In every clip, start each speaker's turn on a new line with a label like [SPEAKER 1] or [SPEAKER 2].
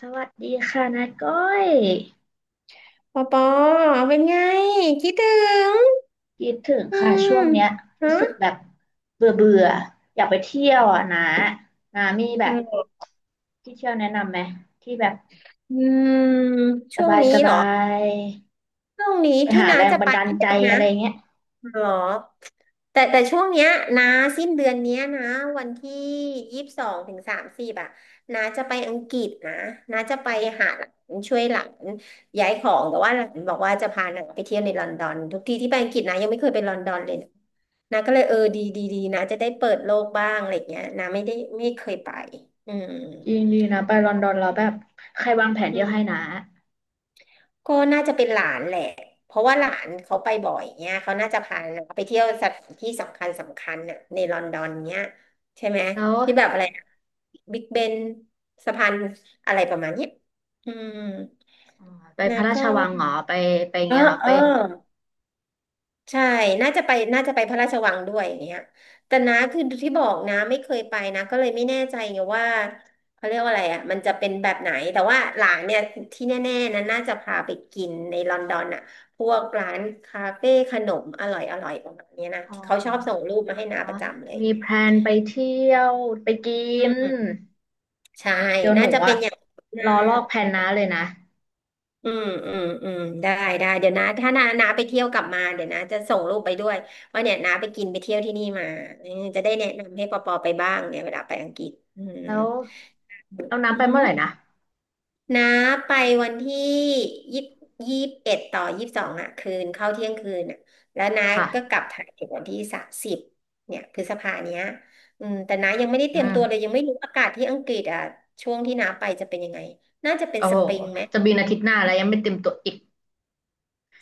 [SPEAKER 1] สวัสดีค่ะนาก้อย
[SPEAKER 2] ปอปอเป็นไงคิดถึง
[SPEAKER 1] คิดถึง
[SPEAKER 2] อื
[SPEAKER 1] ค่ะ
[SPEAKER 2] ม
[SPEAKER 1] ช่วงเนี้ย
[SPEAKER 2] ฮะ
[SPEAKER 1] รู้สึกแบบเบื่อเบื่ออยากไปเที่ยวอ่ะนะนามีแบ
[SPEAKER 2] เอ
[SPEAKER 1] บ
[SPEAKER 2] อ
[SPEAKER 1] ที่เที่ยวแนะนำไหมที่แบบ
[SPEAKER 2] อืม
[SPEAKER 1] ส
[SPEAKER 2] ช่วง
[SPEAKER 1] บาย
[SPEAKER 2] นี้
[SPEAKER 1] ส
[SPEAKER 2] เหร
[SPEAKER 1] บา
[SPEAKER 2] อ
[SPEAKER 1] ย
[SPEAKER 2] ช่วงนี้
[SPEAKER 1] ไป
[SPEAKER 2] ที่
[SPEAKER 1] หา
[SPEAKER 2] น้า
[SPEAKER 1] แรง
[SPEAKER 2] จะ
[SPEAKER 1] บั
[SPEAKER 2] ไป
[SPEAKER 1] นดาล
[SPEAKER 2] เที่
[SPEAKER 1] ใจ
[SPEAKER 2] ยวนะ
[SPEAKER 1] อะไรเงี้ย
[SPEAKER 2] หรอแต่ช่วงเนี้ยนะสิ้นเดือนเนี้ยนะวันที่ยี่สิบสองถึงสามสิบอ่ะนาจะไปอังกฤษนะนาจะไปหาหลานช่วยหลานย้ายของแต่ว่าหลานบอกว่าจะพาหนางไปเที่ยวในลอนดอนทุกทีที่ไปอังกฤษนะยังไม่เคยไปลอนดอนเลยนะนาก็เลยเออดีดีดีนะจะได้เปิดโลกบ้างอะไรเงี้ยนาไม่ได้ไม่เคยไปอืม
[SPEAKER 1] จริงดีนะไปลอนดอนเราแล้วแบบใครวางแผนเที่ยวให้นะ
[SPEAKER 2] ก็น่าจะเป็นหลานแหละ เพราะว่าหลานเขาไปบ่อยเนี่ย เขาน่าจะพาน้าไปเที่ยวสถานที่สำคัญสำคัญน่ะในลอนดอนเนี่ยใช่ไหม
[SPEAKER 1] แล้ว
[SPEAKER 2] ที่แบบอะไรบิ๊กเบนสะพานอะไรประมาณเนี้ยอืม
[SPEAKER 1] อ๋อไป
[SPEAKER 2] แล้
[SPEAKER 1] พ
[SPEAKER 2] ว
[SPEAKER 1] ระรา
[SPEAKER 2] ก็
[SPEAKER 1] ชวังเหรอไปไปอย่าง
[SPEAKER 2] เออ
[SPEAKER 1] เงี้ยเหรอ
[SPEAKER 2] เอ
[SPEAKER 1] ไป
[SPEAKER 2] อ ใช่น่าจะไปพระราชวังด้วยอย่างเงี้ยแต่นะคือที่บอกนะไม่เคยไปนะก็เลยไม่แน่ใจไงว่าเขาเรียกว่าอะไรอ่ะมันจะเป็นแบบไหนแต่ว่าหลานเนี่ยที่แน่ๆนะน่าจะพาไปกินในลอนดอนอ่ะพวกร้านคาเฟ่ขนมอร่อยอร่อยประมาณเนี้ยนะ
[SPEAKER 1] อ๋อ
[SPEAKER 2] ที่เขาชอบส่งรูปมาให้น้าประจำเลยอ
[SPEAKER 1] มี
[SPEAKER 2] ย่างเงี้
[SPEAKER 1] แพ
[SPEAKER 2] ย
[SPEAKER 1] ลนไปเที่ยวไปกิ
[SPEAKER 2] อื
[SPEAKER 1] น
[SPEAKER 2] มใช่
[SPEAKER 1] เดี๋ยวห
[SPEAKER 2] น่า
[SPEAKER 1] นู
[SPEAKER 2] จะเป็
[SPEAKER 1] อ่ะ
[SPEAKER 2] นอย่างนั้น
[SPEAKER 1] ร
[SPEAKER 2] นะ
[SPEAKER 1] อลอกแผนน้าเลยนะ
[SPEAKER 2] อืมอืมอืมได้ได้เดี๋ยวนะถ้านาไปเที่ยวกลับมาเดี๋ยวนะจะส่งรูปไปด้วยว่าเนี่ยนาไปกินไปเที่ยวที่นี่มาเออจะได้แนะนำให้ปอปอไปบ้างเนี่ยเวลาไปอังกฤษอืม
[SPEAKER 1] แล้วเอาน้ำไป
[SPEAKER 2] อื
[SPEAKER 1] เมื่อไหร่นะ
[SPEAKER 2] มนาไปวันที่ยี่ยี่สิบเอ็ดต่อยี่สิบสองอ่ะคืนเข้าเที่ยงคืนอ่ะแล้วนา
[SPEAKER 1] ค่ะ
[SPEAKER 2] ก็กลับไทยถึงวันที่สามสิบเนี่ยพฤษภาเนี้ยอืมแต่นายังไม่ได้เต
[SPEAKER 1] อื
[SPEAKER 2] รียมตัวเลย
[SPEAKER 1] ม
[SPEAKER 2] ยังไม่รู้อากาศที่อังกฤษอ่ะช่วงที่นาไปจะเป็นยังไงน่าจะเป็น
[SPEAKER 1] โอ้
[SPEAKER 2] ส
[SPEAKER 1] โห
[SPEAKER 2] ปริงไหม
[SPEAKER 1] จะบินอาทิตย์หน้าแล้วยังไม่เต็มตัวอีก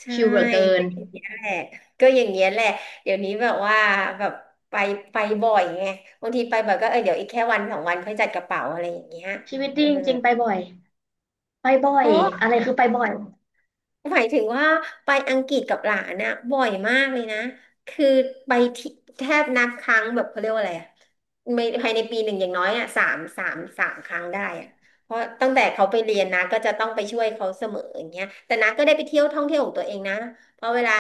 [SPEAKER 2] ใช่
[SPEAKER 1] ชิลเหลือเกิน
[SPEAKER 2] ก็อย่างเงี้ยแหละก็อย่างเงี้ยแหละเดี๋ยวนี้แบบว่าแบบไปไปบ่อยไงบางทีไปบ่อยก็เออเดี๋ยวอีกแค่วันสองวันค่อยจัดกระเป๋าอะไรอย่างเงี้ย
[SPEAKER 1] ชีวิต
[SPEAKER 2] เอ
[SPEAKER 1] ดี
[SPEAKER 2] อ
[SPEAKER 1] จริงๆไปบ่อย ไปบ่อย
[SPEAKER 2] ก็
[SPEAKER 1] อะไรคือไปบ่อย
[SPEAKER 2] หมายถึงว่าไปอังกฤษกับหลานนะบ่อยมากเลยนะคือไปที่แทบนับครั้งแบบเขาเรียกว่าอะไรอะไม่ภายในปีหนึ่งอย่างน้อยอะสามครั้งได้อะเพราะตั้งแต่เขาไปเรียนนะก็จะต้องไปช่วยเขาเสมออย่างเงี้ยแต่นะก็ได้ไปเที่ยวท่องเที่ยวของตัวเองนะเพราะเวลา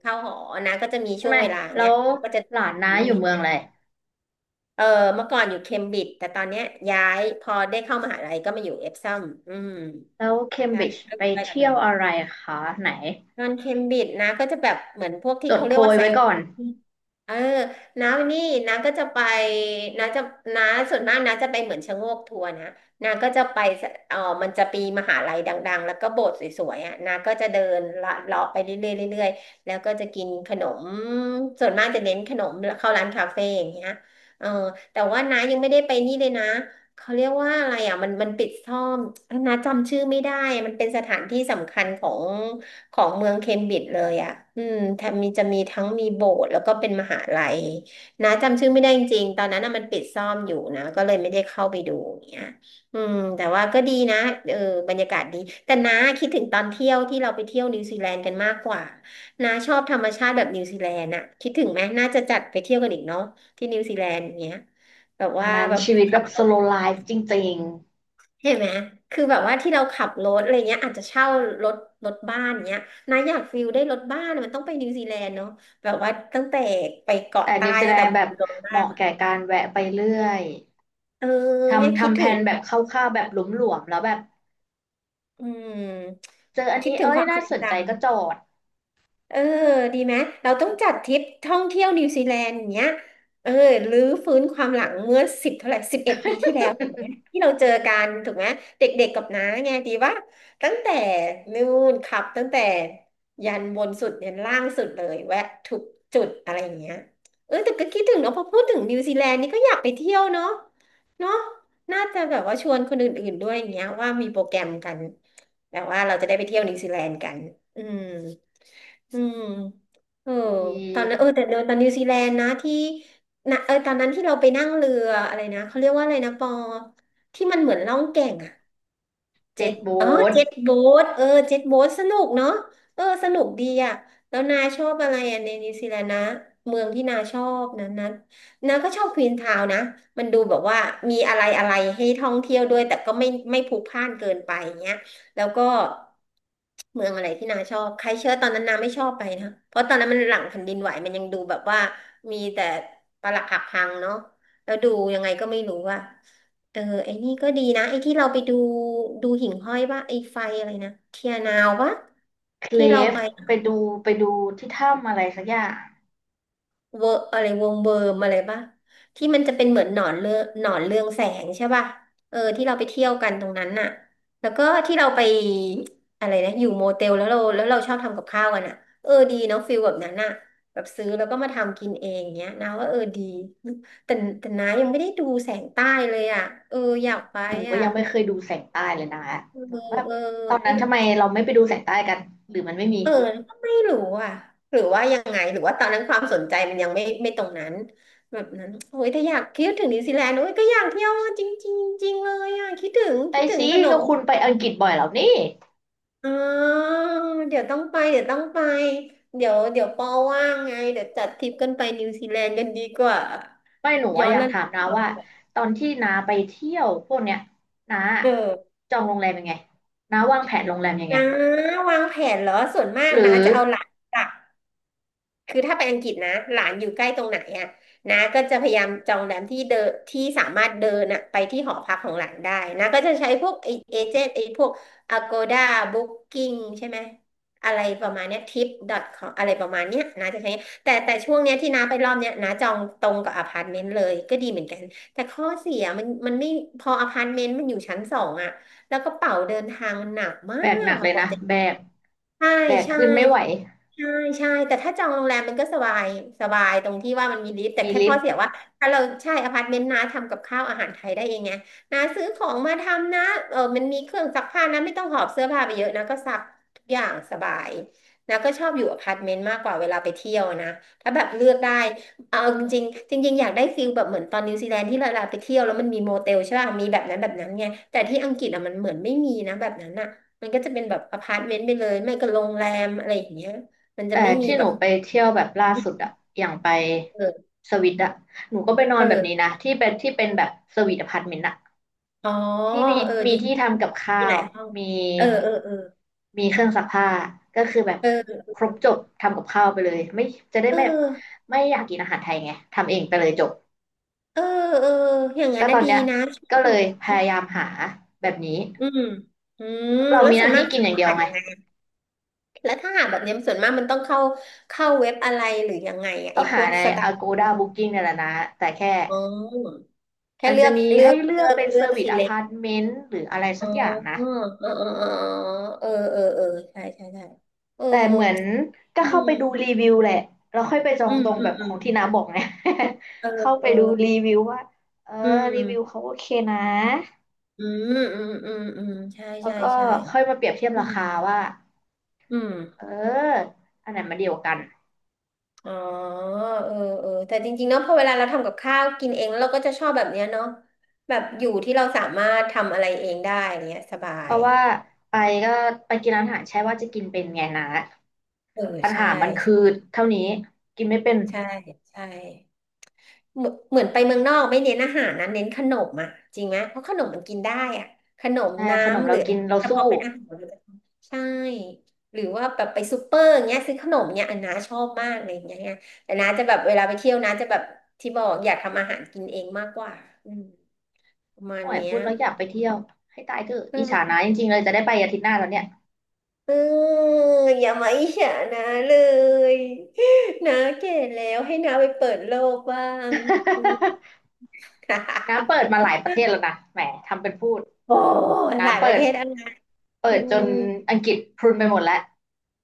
[SPEAKER 2] เข้าหอนะก็จะมี
[SPEAKER 1] ใช่
[SPEAKER 2] ช่ว
[SPEAKER 1] ไหม
[SPEAKER 2] งเวลา
[SPEAKER 1] แล้
[SPEAKER 2] เนี้ย
[SPEAKER 1] ว
[SPEAKER 2] ก็จะ
[SPEAKER 1] หลานน้า
[SPEAKER 2] นู่
[SPEAKER 1] อ
[SPEAKER 2] น
[SPEAKER 1] ยู่
[SPEAKER 2] นี่
[SPEAKER 1] เมือ
[SPEAKER 2] น
[SPEAKER 1] งอะไร
[SPEAKER 2] นเออเมื่อก่อนอยู่เคมบริดจ์แต่ตอนเนี้ยย้ายพอได้เข้ามหาลัยก็มาอยู่เอฟซัมอืม
[SPEAKER 1] แล้วเคม
[SPEAKER 2] ใช่
[SPEAKER 1] บริดจ์
[SPEAKER 2] ก็
[SPEAKER 1] ไป
[SPEAKER 2] อยู่ใกล้ลอนด
[SPEAKER 1] เที่
[SPEAKER 2] อ
[SPEAKER 1] ยว
[SPEAKER 2] น
[SPEAKER 1] อะไรคะไหน
[SPEAKER 2] นอนเคมบริดจ์นะก็จะแบบเหมือนพวก
[SPEAKER 1] จ
[SPEAKER 2] ที่
[SPEAKER 1] ด
[SPEAKER 2] เขา
[SPEAKER 1] โพ
[SPEAKER 2] เรียกว่า
[SPEAKER 1] ย
[SPEAKER 2] ไซ
[SPEAKER 1] ไว้
[SPEAKER 2] ต์
[SPEAKER 1] ก่อน
[SPEAKER 2] เออน้านี่น้าก็จะไปน้าจะน้าส่วนมากน้าจะไปเหมือนชะโงกทัวร์นะน้าก็จะไปสเออมันจะปีมหาลัยดังๆแล้วก็โบสถ์สวยๆอ่ะน้าก็จะเดินละเลาะไปเรื่อยๆเรื่อยๆแล้วก็จะกินขนมส่วนมากจะเน้นขนมเข้าร้านคาเฟ่อย่างเงี้ยเออแต่ว่าน้ายังไม่ได้ไปนี่เลยนะเขาเรียกว่าอะไรอ่ะมันปิดซ่อมน้าจำชื่อไม่ได้มันเป็นสถานที่สำคัญของ เมืองเคมบริดจ์เลยอ่ะอืมแถมมีจะมีทั้งมีโบสถ์แล้วก็เป็นมหาลัยนะจำชื่อไม่ได้จริงๆตอนนั้นน่ะมันปิดซ่อมอยู่นะก็เลยไม่ได้เข้าไปดูอย่างเงี้ยอืมแต่ว่าก็ดีนะเออบรรยากาศดีแต่น้าคิดถึงตอนเที่ยวที่เราไปเที่ยวนิวซีแลนด์กันมากกว่าน้าชอบธรรมชาติแบบนิวซีแลนด์อะคิดถึงไหมน่าจะจัดไปเที่ยวกันอีกเนาะที่นิวซีแลนด์อย่างเงี้ยแบบ
[SPEAKER 1] อั
[SPEAKER 2] ว่า
[SPEAKER 1] นนั้น
[SPEAKER 2] แบบ
[SPEAKER 1] ชีวิตแบ
[SPEAKER 2] ขับ
[SPEAKER 1] บ
[SPEAKER 2] ร
[SPEAKER 1] s
[SPEAKER 2] ถ
[SPEAKER 1] l o w l i f e จริง
[SPEAKER 2] เห็นไหม คือแบบว่าที่เราขับรถอะไรเงี้ยอาจจะเช่ารถรถบ้านเงี้ยนะอยากฟิลได้รถบ้านมันต้องไปนิวซีแลนด์เนาะแบบว่าตั้งแต่ไป
[SPEAKER 1] ๆ
[SPEAKER 2] เกาะ
[SPEAKER 1] แต่
[SPEAKER 2] ใต้
[SPEAKER 1] นิวซี
[SPEAKER 2] ตั้
[SPEAKER 1] แล
[SPEAKER 2] งแต่
[SPEAKER 1] นด์
[SPEAKER 2] บุ
[SPEAKER 1] แบบ
[SPEAKER 2] รีรั
[SPEAKER 1] เหมาะ
[SPEAKER 2] มย์
[SPEAKER 1] แก่การแวะไปเรื่อย
[SPEAKER 2] เออเนี่ย
[SPEAKER 1] ทำ
[SPEAKER 2] คิด
[SPEAKER 1] ทำแผ
[SPEAKER 2] ถึง
[SPEAKER 1] นแบบคร่าวๆแบบหลวมๆแล้วแบบ
[SPEAKER 2] อืม
[SPEAKER 1] เจออัน
[SPEAKER 2] คิด
[SPEAKER 1] นี้
[SPEAKER 2] ถึง
[SPEAKER 1] เอ้
[SPEAKER 2] ค
[SPEAKER 1] ย
[SPEAKER 2] วามท
[SPEAKER 1] น่า
[SPEAKER 2] รง
[SPEAKER 1] สนใจก็
[SPEAKER 2] จำ
[SPEAKER 1] จอด
[SPEAKER 2] เออดีไหมเราต้องจัดทริปท่องเที่ยวนิวซีแลนด์อย่างเงี้ยเออรื้อฟื้นความหลังเมื่อสิบเท่าไหร่11 ปีที่แล้วถูกไหมที่เราเจอกันถูกไหมเด็กๆกับน้าไงดีว่าตั้งแต่นู่นขับตั้งแต่ยันบนสุดยันล่างสุดเลยแวะทุกจุดอะไรอย่างเงี้ยเออแต่ก็คิดถึงเนาะพอพูดถึงนิวซีแลนด์นี่ก็อยากไปเที่ยวเนาะเนาะน่าจะแบบว่าชวนคนอื่นๆด้วยอย่างเงี้ยว่ามีโปรแกรมกันแบบว่าเราจะได้ไปเที่ยวนิวซีแลนด์กันอืม อืมเออ
[SPEAKER 1] อ
[SPEAKER 2] ตอนนั้
[SPEAKER 1] ี
[SPEAKER 2] นเออแต่เดินตอนนิวซีแลนด์นะที่นะเออตอนนั้นที่เราไปนั่งเรืออะไรนะเขาเรียกว่าอะไรนะปอที่มันเหมือนล่องแก่ง เจ็
[SPEAKER 1] เจ็ด
[SPEAKER 2] ต
[SPEAKER 1] โบ
[SPEAKER 2] อ๋อ
[SPEAKER 1] สท
[SPEAKER 2] เจ็ตโบ๊ทเออเจ็ตโบ๊ทสนุกเนาะเออสนุกดีอ่ะแล้วนาชอบอะไรอ่ะในนิวซีแลนด์นะ เมืองที่นาชอบนั้นนาก็ชอบควีนทาวน์นะมันดูแบบว่ามีอะไรอะไรให้ท่องเที่ยวด้วยแต่ก็ไม่พลุกพล่านเกินไปอย่างเงี้ยแล้วก็เมืองอะไรที่นาชอบใครเชื่อตอนนั้นนาไม่ชอบไปนะเพราะตอนนั้นมันหลังแผ่นดินไหวมันยังดูแบบว่ามีแต่ปรักหักพังเนาะแล้วดูยังไงก็ไม่รู้อ่ะ เออไอ้นี่ก็ดีนะไอ้ที่เราไปดูดูหิ่งห้อยป่ะไอ้ไฟอะไรนะเทียนาวป่ะ
[SPEAKER 1] เคล
[SPEAKER 2] ที่เรา
[SPEAKER 1] ฟ
[SPEAKER 2] ไป
[SPEAKER 1] ไปดูไปดูที่ถ้ำอะไรสักอย่าง
[SPEAKER 2] เวอร์อะไรวงเวิร์มอะไรป่ะที่มันจะเป็นเหมือนหนอนเรืองหนอนเรืองแสงใช่ป่ะเออที่เราไปเที่ยวกันตรงนั้นน่ะแล้วก็ที่เราไปอะไรนะอยู่โมเตลแล้วเราชอบทำกับข้าวกันอ่ะเออดีเนาะฟิลแบบนั้นน่ะแบบซื้อแล้วก็มาทำกินเองเงี้ยนะว่าเออดีแต่แต่น้ายังไม่ได้ดูแสงใต้เลยอ่ะเอออยากไป
[SPEAKER 1] หนูก็
[SPEAKER 2] อ่ะ
[SPEAKER 1] ยังไม่เคยดูแสงใต้เลยนะ
[SPEAKER 2] เออ
[SPEAKER 1] หนูก็แบบ
[SPEAKER 2] เอ
[SPEAKER 1] ตอนนั้น
[SPEAKER 2] อ
[SPEAKER 1] ทำไมเราไม่ไปดูแสงใต้กันหรือมันไม่มี
[SPEAKER 2] เออก็ไม่รู้อ่ะหรือว่ายังไงหรือว่าตอนนั้นความสนใจมันยังไม่ตรงนั้นแบบนั้นโอ้ยถ้าอยากคิดถึงนิวซีแลนด์โอ้ยก็อยากเที่ยวจริงจริงจริงเลยอ่ะคิดถึง
[SPEAKER 1] ไป
[SPEAKER 2] คิดถึง
[SPEAKER 1] สิ
[SPEAKER 2] ขน
[SPEAKER 1] ก็
[SPEAKER 2] ม
[SPEAKER 1] คุณไปอังกฤษบ่อยแล้วนี่
[SPEAKER 2] อ๋อเดี๋ยวต้องไปเดี๋ยวต้องไปเดี๋ยวเดี๋ยวปอว่างไงเดี๋ยวจัดทริปกันไปนิวซีแลนด์กันดีกว่า
[SPEAKER 1] ไม่หนู
[SPEAKER 2] ย้
[SPEAKER 1] อะ
[SPEAKER 2] อ
[SPEAKER 1] อ
[SPEAKER 2] น
[SPEAKER 1] ยาก
[SPEAKER 2] ระ
[SPEAKER 1] ถาม
[SPEAKER 2] ลึก
[SPEAKER 1] นาว่าตอนที่นาไปเที่ยวพวกเนี้ยนา
[SPEAKER 2] เออ
[SPEAKER 1] จองโรงแรมยังไงนาวางแผนโรงแรมยังไง
[SPEAKER 2] นะวางแผนเหรอส่วนมาก
[SPEAKER 1] หรื
[SPEAKER 2] นะ
[SPEAKER 1] อ
[SPEAKER 2] จะเอาหลัก คือถ้าไปอังกฤษนะหลานอยู่ใกล้ตรงไหนอะนาก็จะพยายามจองแรมที่เดินที่สามารถเดินอะไปที่หอพักของหลานได้นาก็จะใช้พวกไอเอเจนต์ไอพวก Agoda Booking ใช่ไหมอะไรประมาณเนี้ย tip.com อทคอมอะไรประมาณเนี้ยนาจะใช้แต่ช่วงเนี้ยที่นาไปรอบเนี้ยนาจองตรงกับอพาร์ตเมนต์เลยก็ดีเหมือนกันแต่ข้อเสียมันไม่พออพาร์ตเมนต์มันอยู่ชั้นสองอะแล้วกระเป๋าเดินทางมันหนักมา
[SPEAKER 1] แบกห
[SPEAKER 2] ก
[SPEAKER 1] นัก
[SPEAKER 2] อะ
[SPEAKER 1] เลย
[SPEAKER 2] กว่า
[SPEAKER 1] นะ
[SPEAKER 2] จะ
[SPEAKER 1] แบก
[SPEAKER 2] ใช่
[SPEAKER 1] แบก
[SPEAKER 2] ใช่
[SPEAKER 1] ขึ้นไม่ไหว
[SPEAKER 2] ใช่ใช่แต่ถ้าจองโรงแรมมันก็สบายสบายตรงที่ว่ามันมีลิฟต์แต่
[SPEAKER 1] มี
[SPEAKER 2] แค่
[SPEAKER 1] ลิ
[SPEAKER 2] ข้
[SPEAKER 1] ฟ
[SPEAKER 2] อ
[SPEAKER 1] ต์
[SPEAKER 2] เสียว่าถ้าเราใช่อพาร์ตเมนต์นะทำกับข้าวอาหารไทยได้เองไงนะซื้อของมาทำนะเออมันมีเครื่องซักผ้านะไม่ต้องหอบเสื้อผ้าไปเยอะนะก็ซักทุกอย่างสบายนะก็ชอบอยู่อพาร์ตเมนต์มากกว่าเวลาไปเที่ยวนะถ้าแบบเลือกได้เอาจริงๆจริงๆอยากได้ฟิลแบบเหมือนตอนนิวซีแลนด์ที่เราไปเที่ยวแล้วมันมีโมเตลใช่ป่ะมีแบบนั้นแบบนั้นไงแต่ที่อังกฤษอะมันเหมือนไม่มีนะแบบนั้นอะ มันก็จะเป็นแบบอพาร์ตเมนต์ไปเลย ไม่ก็โรงแรมอะไรอย่างเงี้ยมันจะ
[SPEAKER 1] แต่
[SPEAKER 2] ไม่มี
[SPEAKER 1] ที่ห
[SPEAKER 2] แบ
[SPEAKER 1] นู
[SPEAKER 2] บ
[SPEAKER 1] ไปเที่ยวแบบล่าสุดอะอย่างไป
[SPEAKER 2] เออ
[SPEAKER 1] สวิตอะหนูก็ไปนอ
[SPEAKER 2] เอ
[SPEAKER 1] น
[SPEAKER 2] อ
[SPEAKER 1] แบบนี้นะที่เป็นที่เป็นแบบสวีทอพาร์ตเมนต์อะ
[SPEAKER 2] อ๋อ
[SPEAKER 1] ที่มี
[SPEAKER 2] เออ
[SPEAKER 1] มี
[SPEAKER 2] ดี
[SPEAKER 1] ที่ทำกับข้า
[SPEAKER 2] มีหลา
[SPEAKER 1] ว
[SPEAKER 2] ยห้อง
[SPEAKER 1] มี
[SPEAKER 2] เออเออเออ
[SPEAKER 1] มีเครื่องซักผ้าก็คือแบบ
[SPEAKER 2] เออ
[SPEAKER 1] ครบจบทำกับข้าวไปเลยไม่จะได้
[SPEAKER 2] เอ
[SPEAKER 1] ไม่
[SPEAKER 2] อ
[SPEAKER 1] ไม่อยากกินอาหารไทยไงทำเองไปเลยจบ
[SPEAKER 2] เออเอออย่างนั้
[SPEAKER 1] ก็
[SPEAKER 2] น
[SPEAKER 1] ต
[SPEAKER 2] นะ
[SPEAKER 1] อน
[SPEAKER 2] ดี
[SPEAKER 1] เนี้ย
[SPEAKER 2] นะช
[SPEAKER 1] ก็
[SPEAKER 2] อ
[SPEAKER 1] เล
[SPEAKER 2] บ
[SPEAKER 1] ยพ
[SPEAKER 2] อืม
[SPEAKER 1] ยายามหาแบบนี้
[SPEAKER 2] อืมอืม
[SPEAKER 1] เพราะเรา
[SPEAKER 2] แล้ว
[SPEAKER 1] มีห
[SPEAKER 2] ส่ว
[SPEAKER 1] น้า
[SPEAKER 2] นมา
[SPEAKER 1] ที่
[SPEAKER 2] ก
[SPEAKER 1] กิน
[SPEAKER 2] จะ
[SPEAKER 1] อย่างเดียว
[SPEAKER 2] อ่าน
[SPEAKER 1] ไง
[SPEAKER 2] ยังไงแล้วถ้าหาแบบเนี้ยส่วนมากมันต้องเข้าเข้าเว็บอะไรหรือยังไงอะ
[SPEAKER 1] ก็
[SPEAKER 2] ไอ้พ
[SPEAKER 1] หา
[SPEAKER 2] วก
[SPEAKER 1] ใน
[SPEAKER 2] สตาร์ท
[SPEAKER 1] Agoda Booking เนี่ยแหละนะแต่แค่
[SPEAKER 2] อ๋อแค่
[SPEAKER 1] มัน
[SPEAKER 2] เลื
[SPEAKER 1] จะ
[SPEAKER 2] อก
[SPEAKER 1] มี
[SPEAKER 2] เลือ
[SPEAKER 1] ให้
[SPEAKER 2] ก
[SPEAKER 1] เลื
[SPEAKER 2] เลื
[SPEAKER 1] อก
[SPEAKER 2] อก
[SPEAKER 1] เป็นเซ
[SPEAKER 2] เลื
[SPEAKER 1] อ
[SPEAKER 2] อก
[SPEAKER 1] ร์วิส
[SPEAKER 2] สิ
[SPEAKER 1] อ
[SPEAKER 2] เล
[SPEAKER 1] พาร์ตเมนต์หรืออะไร
[SPEAKER 2] อ๋
[SPEAKER 1] สั
[SPEAKER 2] อ
[SPEAKER 1] กอย่าง
[SPEAKER 2] เอ
[SPEAKER 1] นะ
[SPEAKER 2] อเออเออเออเออเออใช่ใช่ใช่เออ
[SPEAKER 1] แต่เหมือนก็
[SPEAKER 2] อื
[SPEAKER 1] เข้าไปดูรี
[SPEAKER 2] ม
[SPEAKER 1] วิวแหละแล้วค่อยไปจอ
[SPEAKER 2] อื
[SPEAKER 1] ง
[SPEAKER 2] ม
[SPEAKER 1] ตรง
[SPEAKER 2] อื
[SPEAKER 1] แบ
[SPEAKER 2] ม
[SPEAKER 1] บข
[SPEAKER 2] อื
[SPEAKER 1] อ
[SPEAKER 2] ม
[SPEAKER 1] งที่น้าบอกไง
[SPEAKER 2] เอ อ
[SPEAKER 1] เข้าไป
[SPEAKER 2] เออ
[SPEAKER 1] ดูรีวิวว่าเออ
[SPEAKER 2] อื
[SPEAKER 1] รีวิว
[SPEAKER 2] ม
[SPEAKER 1] เขาโอเคนะ
[SPEAKER 2] อืมอืมอืมอืมใช่
[SPEAKER 1] แล้ว
[SPEAKER 2] ใช่
[SPEAKER 1] ก็
[SPEAKER 2] ใช่
[SPEAKER 1] ค่อยมาเปรียบเทียบ
[SPEAKER 2] อื
[SPEAKER 1] รา
[SPEAKER 2] ม
[SPEAKER 1] คาว่า
[SPEAKER 2] อืม
[SPEAKER 1] เอออันไหนมาเดียวกัน
[SPEAKER 2] อ๋อเออเออแต่จริงๆเนาะพอเวลาเราทำกับข้าวกินเองแล้วเราก็จะชอบแบบเนี้ยเนาะแบบอยู่ที่เราสามารถทำอะไรเองได้เนี้ยสบา
[SPEAKER 1] เพ
[SPEAKER 2] ย
[SPEAKER 1] ราะว่าไปก็ไปกินร้านอาหารใช่ว่าจะกินเป็นไงนะ
[SPEAKER 2] เออ
[SPEAKER 1] ปัญ
[SPEAKER 2] ใช่
[SPEAKER 1] หามันคือเท่านี้กินไม่เป็น
[SPEAKER 2] ใช่ใช่ เหมือนไปเมืองนอกไม่เน้นอาหารนะเน้นขนมอ่ะจริงไหมเพราะขนมมันกินได้อ่ะขนม
[SPEAKER 1] ใช่ขนม
[SPEAKER 2] น้ำห
[SPEAKER 1] เรา
[SPEAKER 2] รือ
[SPEAKER 1] กินเรา
[SPEAKER 2] แต่พ
[SPEAKER 1] สู้
[SPEAKER 2] อเป็นอาหารเลยใช่หรือว่าแบบไปซูเปอร์อย่างเงี้ยซื้อขนมเนี้ยอันน้าชอบมากเลยอย่างเงี้ยแต่น้าจะแบบเวลาไปเที่ยวน้าจะแบบที่บอกอยากทำอาหารกินเองมากกว่าอืมประมาณ
[SPEAKER 1] โอ้ย
[SPEAKER 2] เนี้
[SPEAKER 1] พู
[SPEAKER 2] ย
[SPEAKER 1] ดแล้วอยากไปเที่ยวให้ตายเถอะอิจฉา
[SPEAKER 2] เออ
[SPEAKER 1] นะจริงๆเลยจะได้ไปอาทิตย์หน้าแล้วเนี่ย
[SPEAKER 2] เอออย่ามาอิจฉานะเลย นะแก่แล้วให้น้าไปเปิดโลกบ้างอืม
[SPEAKER 1] น้าเปิดมาหลายประเทศแล้วนะแหมทำเป็นพูด
[SPEAKER 2] โอ้
[SPEAKER 1] น้า
[SPEAKER 2] หลายป
[SPEAKER 1] เปิ
[SPEAKER 2] ระเท
[SPEAKER 1] ด
[SPEAKER 2] ศ
[SPEAKER 1] เปิ
[SPEAKER 2] อื
[SPEAKER 1] ดจน
[SPEAKER 2] ม
[SPEAKER 1] อังกฤษพรุนไปหมดแล้ว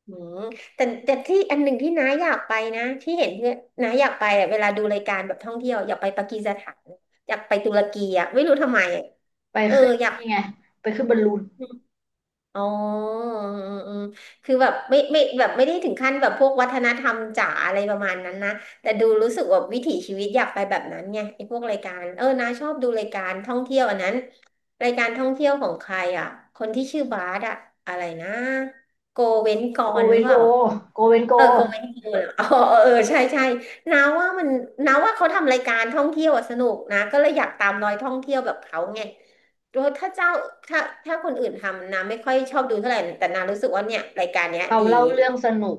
[SPEAKER 2] อืมแต่ที่อันหนึ่งที่น้าอยากไปนะที่เห็นเพื่อนน้าอยากไปอะเวลาดูรายการแบบท่องเที่ยวอยากไปปากีสถานอยากไปตุรกีอ่ะไม่รู้ทำไมอะ
[SPEAKER 1] ไป
[SPEAKER 2] เออ
[SPEAKER 1] ขึ้น
[SPEAKER 2] อยาก
[SPEAKER 1] นี่ไงไปขึ้นบอลลูน
[SPEAKER 2] อ๋อเออเออคือแบบไม่แบบไม่ได้ถึงขั้นแบบพวกวัฒนธรรมจ๋าอะไรประมาณนั้นนะ แต่ดูรู้สึกว่าวิถีชีวิตอยากไปแบบนั้นไงไอ้พวกรายการ เออนาชอบดูรายการท่องเที่ยวอันนั้น รายการท่องเที่ยวของใครอ่ะคนที่ชื่อบาร์ดอะอะไรนะโกเว้นก
[SPEAKER 1] โก
[SPEAKER 2] ร
[SPEAKER 1] เว
[SPEAKER 2] หรือ
[SPEAKER 1] น
[SPEAKER 2] เป
[SPEAKER 1] โก
[SPEAKER 2] ล่า
[SPEAKER 1] โกเวนโก
[SPEAKER 2] เออโกเวนกลเหรออ๋อเออเออใช่ใช่นาว่ามันนาว่าเขาทำรายการท่องเที่ยวอะสนุกนะก็เลยอยากตามรอยท่องเที่ยวแบบเขาไง ถ้าเจ้าถ้าถ้าคนอื่นทำนาไม่ค่อยชอบดูเท่าไหร่แต่นารู้สึกว่าเนี่ยรายการเนี้ย
[SPEAKER 1] เขา
[SPEAKER 2] ดี
[SPEAKER 1] เล่าเรื่องสนุก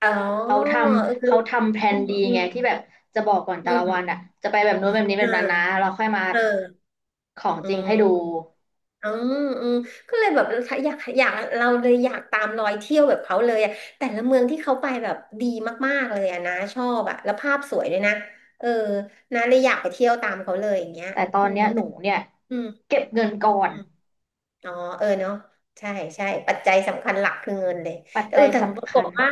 [SPEAKER 2] อ๋อ
[SPEAKER 1] เขาทำ
[SPEAKER 2] เออ
[SPEAKER 1] เขาทำแผ
[SPEAKER 2] อื
[SPEAKER 1] น
[SPEAKER 2] ม
[SPEAKER 1] ดี
[SPEAKER 2] อืม
[SPEAKER 1] ไงที่แบบจะบอกก่อน
[SPEAKER 2] อื
[SPEAKER 1] แต่ละวัน
[SPEAKER 2] ม
[SPEAKER 1] อ่ะจะไปแบบนู้นแบบนี้
[SPEAKER 2] เ
[SPEAKER 1] แบบนั้นนะ
[SPEAKER 2] ออ
[SPEAKER 1] เราค่อยมา
[SPEAKER 2] เออ
[SPEAKER 1] ของ
[SPEAKER 2] อื
[SPEAKER 1] จริงให้ดู
[SPEAKER 2] มอืมอืมก็เลยแบบอยากอยากเราเลยอยากตามรอยเที่ยวแบบเขาเลยอะแต่ละเมืองที่เขาไปแบบดีมากๆเลยอะนะชอบอะแล้วภาพสวยด้วยนะเออนะเลยอยากไปเที่ยวตามเขาเลยอย่างเงี้ย
[SPEAKER 1] แต่ตอ
[SPEAKER 2] อื
[SPEAKER 1] น
[SPEAKER 2] ม
[SPEAKER 1] เนี้ยหนูเนี่ย
[SPEAKER 2] อืม
[SPEAKER 1] เก็บเงินก่อน
[SPEAKER 2] อ๋อเออเนาะใช่ใช่ปัจจัยสำคัญหลักคือเงินเลย
[SPEAKER 1] ปัจ
[SPEAKER 2] แต่เอ
[SPEAKER 1] จั
[SPEAKER 2] อ
[SPEAKER 1] ย
[SPEAKER 2] แต่ป
[SPEAKER 1] สำ
[SPEAKER 2] ราก
[SPEAKER 1] คั
[SPEAKER 2] ฏ
[SPEAKER 1] ญ
[SPEAKER 2] ว่า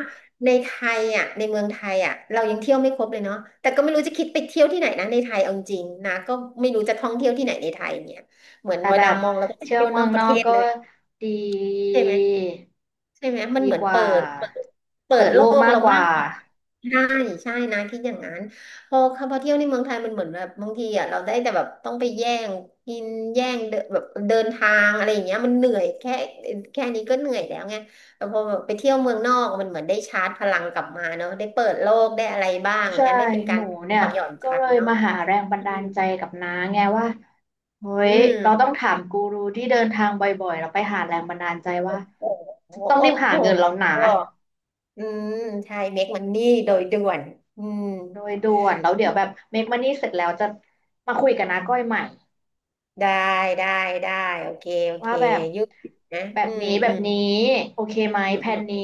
[SPEAKER 2] ในไทยอ่ะในเมืองไทยอ่ะเรายังเที่ยวไม่ครบเลยเนาะแต่ก็ไม่รู้จะคิดไปเที่ยวที่ไหนนะในไทยเอาจริงนะก็ไม่รู้จะท่องเที่ยวที่ไหนในไทยเนี่ยเหมือน
[SPEAKER 1] แต่
[SPEAKER 2] เว
[SPEAKER 1] แบ
[SPEAKER 2] ลา
[SPEAKER 1] บ
[SPEAKER 2] มองเราก็จะ
[SPEAKER 1] เที่ยว
[SPEAKER 2] เที่ยว
[SPEAKER 1] เมื
[SPEAKER 2] น
[SPEAKER 1] อ
[SPEAKER 2] อ
[SPEAKER 1] ง
[SPEAKER 2] กป
[SPEAKER 1] น
[SPEAKER 2] ระ
[SPEAKER 1] อ
[SPEAKER 2] เท
[SPEAKER 1] ก
[SPEAKER 2] ศ
[SPEAKER 1] ก็
[SPEAKER 2] เลย
[SPEAKER 1] ดี
[SPEAKER 2] ใช่ไหม ใช่ไหมมัน
[SPEAKER 1] ดี
[SPEAKER 2] เหมือน
[SPEAKER 1] กว่า
[SPEAKER 2] เปิดเปิ
[SPEAKER 1] เปิ
[SPEAKER 2] ด
[SPEAKER 1] ด
[SPEAKER 2] โล
[SPEAKER 1] โลก
[SPEAKER 2] ก
[SPEAKER 1] มาก
[SPEAKER 2] เรา
[SPEAKER 1] กว่า
[SPEAKER 2] มากกว่าใช่ใช่นะคิดอย่างนั้นพอเข้ามาเที่ยวในเมืองไทยมันเหมือนแบบบางทีอ่ะเราได้แต่แบบต้องไปแย่งกินแย่งเดินแบบเดินทางอะไรอย่างเงี้ยมันเหนื่อยแค่นี้ก็เหนื่อยแล้วไงแต่พอแบบไปเที่ยวเมืองนอกมันเหมือนได้ชาร์จพลังกลับมาเนาะได้เปิดโลกได้อะไรบ้าง
[SPEAKER 1] ใช่
[SPEAKER 2] เงี้ยได้เป็นกา
[SPEAKER 1] ห
[SPEAKER 2] ร
[SPEAKER 1] นูเนี่
[SPEAKER 2] ป
[SPEAKER 1] ย
[SPEAKER 2] ลดหย่อนใจ
[SPEAKER 1] ก็เลย
[SPEAKER 2] เนาะ
[SPEAKER 1] มาหาแรงบัน
[SPEAKER 2] อื
[SPEAKER 1] ดา
[SPEAKER 2] ม
[SPEAKER 1] ลใจกับน้าไงว่า
[SPEAKER 2] อื
[SPEAKER 1] เฮ้ยเราต้อ
[SPEAKER 2] ม
[SPEAKER 1] งถามกูรูที่เดินทางบ่อยๆเราไปหาแรงบันดาลใจว่า
[SPEAKER 2] โอ้โห
[SPEAKER 1] ต้อง
[SPEAKER 2] โอ้
[SPEAKER 1] รีบหา
[SPEAKER 2] โห
[SPEAKER 1] เงินแล้วนะ
[SPEAKER 2] อืมใช่เมคมันนี่โดยด่วนอืม
[SPEAKER 1] โดยด่วนแล้วเดี๋ยวแบบเมคมันนี่เสร็จแล้วจะมาคุยกับน้าก้อยใหม่
[SPEAKER 2] ได้ได้ได้โอเคโอเค
[SPEAKER 1] ว่าแบบ
[SPEAKER 2] ยุคนะ
[SPEAKER 1] แบ
[SPEAKER 2] อื
[SPEAKER 1] บ
[SPEAKER 2] ม
[SPEAKER 1] นี้แบ
[SPEAKER 2] อื
[SPEAKER 1] บ
[SPEAKER 2] ม
[SPEAKER 1] นี้โอเคไหม
[SPEAKER 2] อืม
[SPEAKER 1] แผ
[SPEAKER 2] อืม
[SPEAKER 1] นนี้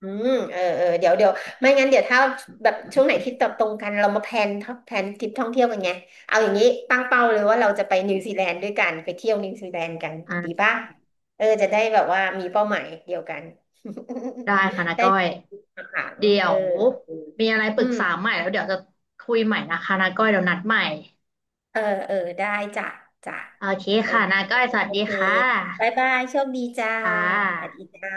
[SPEAKER 2] อืมเออเออเดี๋ยวเดี๋ยวไม่งั้นเดี๋ยวถ้าแบบช่วงไหนที่ตอบตรงกันเรามาแพลนทริปท่องเที่ยวกันไงเอาอย่างนี้ตั้งเป้าเลยว่าเราจะไปนิวซีแลนด์ด้วยกันไปเที่ยวนิวซีแลนด์กันดี
[SPEAKER 1] อ่า
[SPEAKER 2] ป่ะเออจะได้แบบว่ามีเป้าหมายเดียวกัน
[SPEAKER 1] ได้ค่ะนา
[SPEAKER 2] ได้
[SPEAKER 1] ก้อย
[SPEAKER 2] ขัง
[SPEAKER 1] เดี๋ย
[SPEAKER 2] เออ
[SPEAKER 1] วมีอะไรป
[SPEAKER 2] อื
[SPEAKER 1] รึกษา
[SPEAKER 2] ม
[SPEAKER 1] ใหม่แล้วเดี๋ยวจะคุยใหม่นะคะนาก้อยเดี๋ยวนัดใหม่
[SPEAKER 2] เออเออได้จ้ะจ้ะ
[SPEAKER 1] โอเค
[SPEAKER 2] โอ
[SPEAKER 1] ค่ะ
[SPEAKER 2] เค
[SPEAKER 1] นาก้อยสวัส
[SPEAKER 2] โอ
[SPEAKER 1] ดี
[SPEAKER 2] เค
[SPEAKER 1] ค่ะ
[SPEAKER 2] บ๊ายบายโชคดีจ้า
[SPEAKER 1] ค่ะ
[SPEAKER 2] สวัสดีจ้า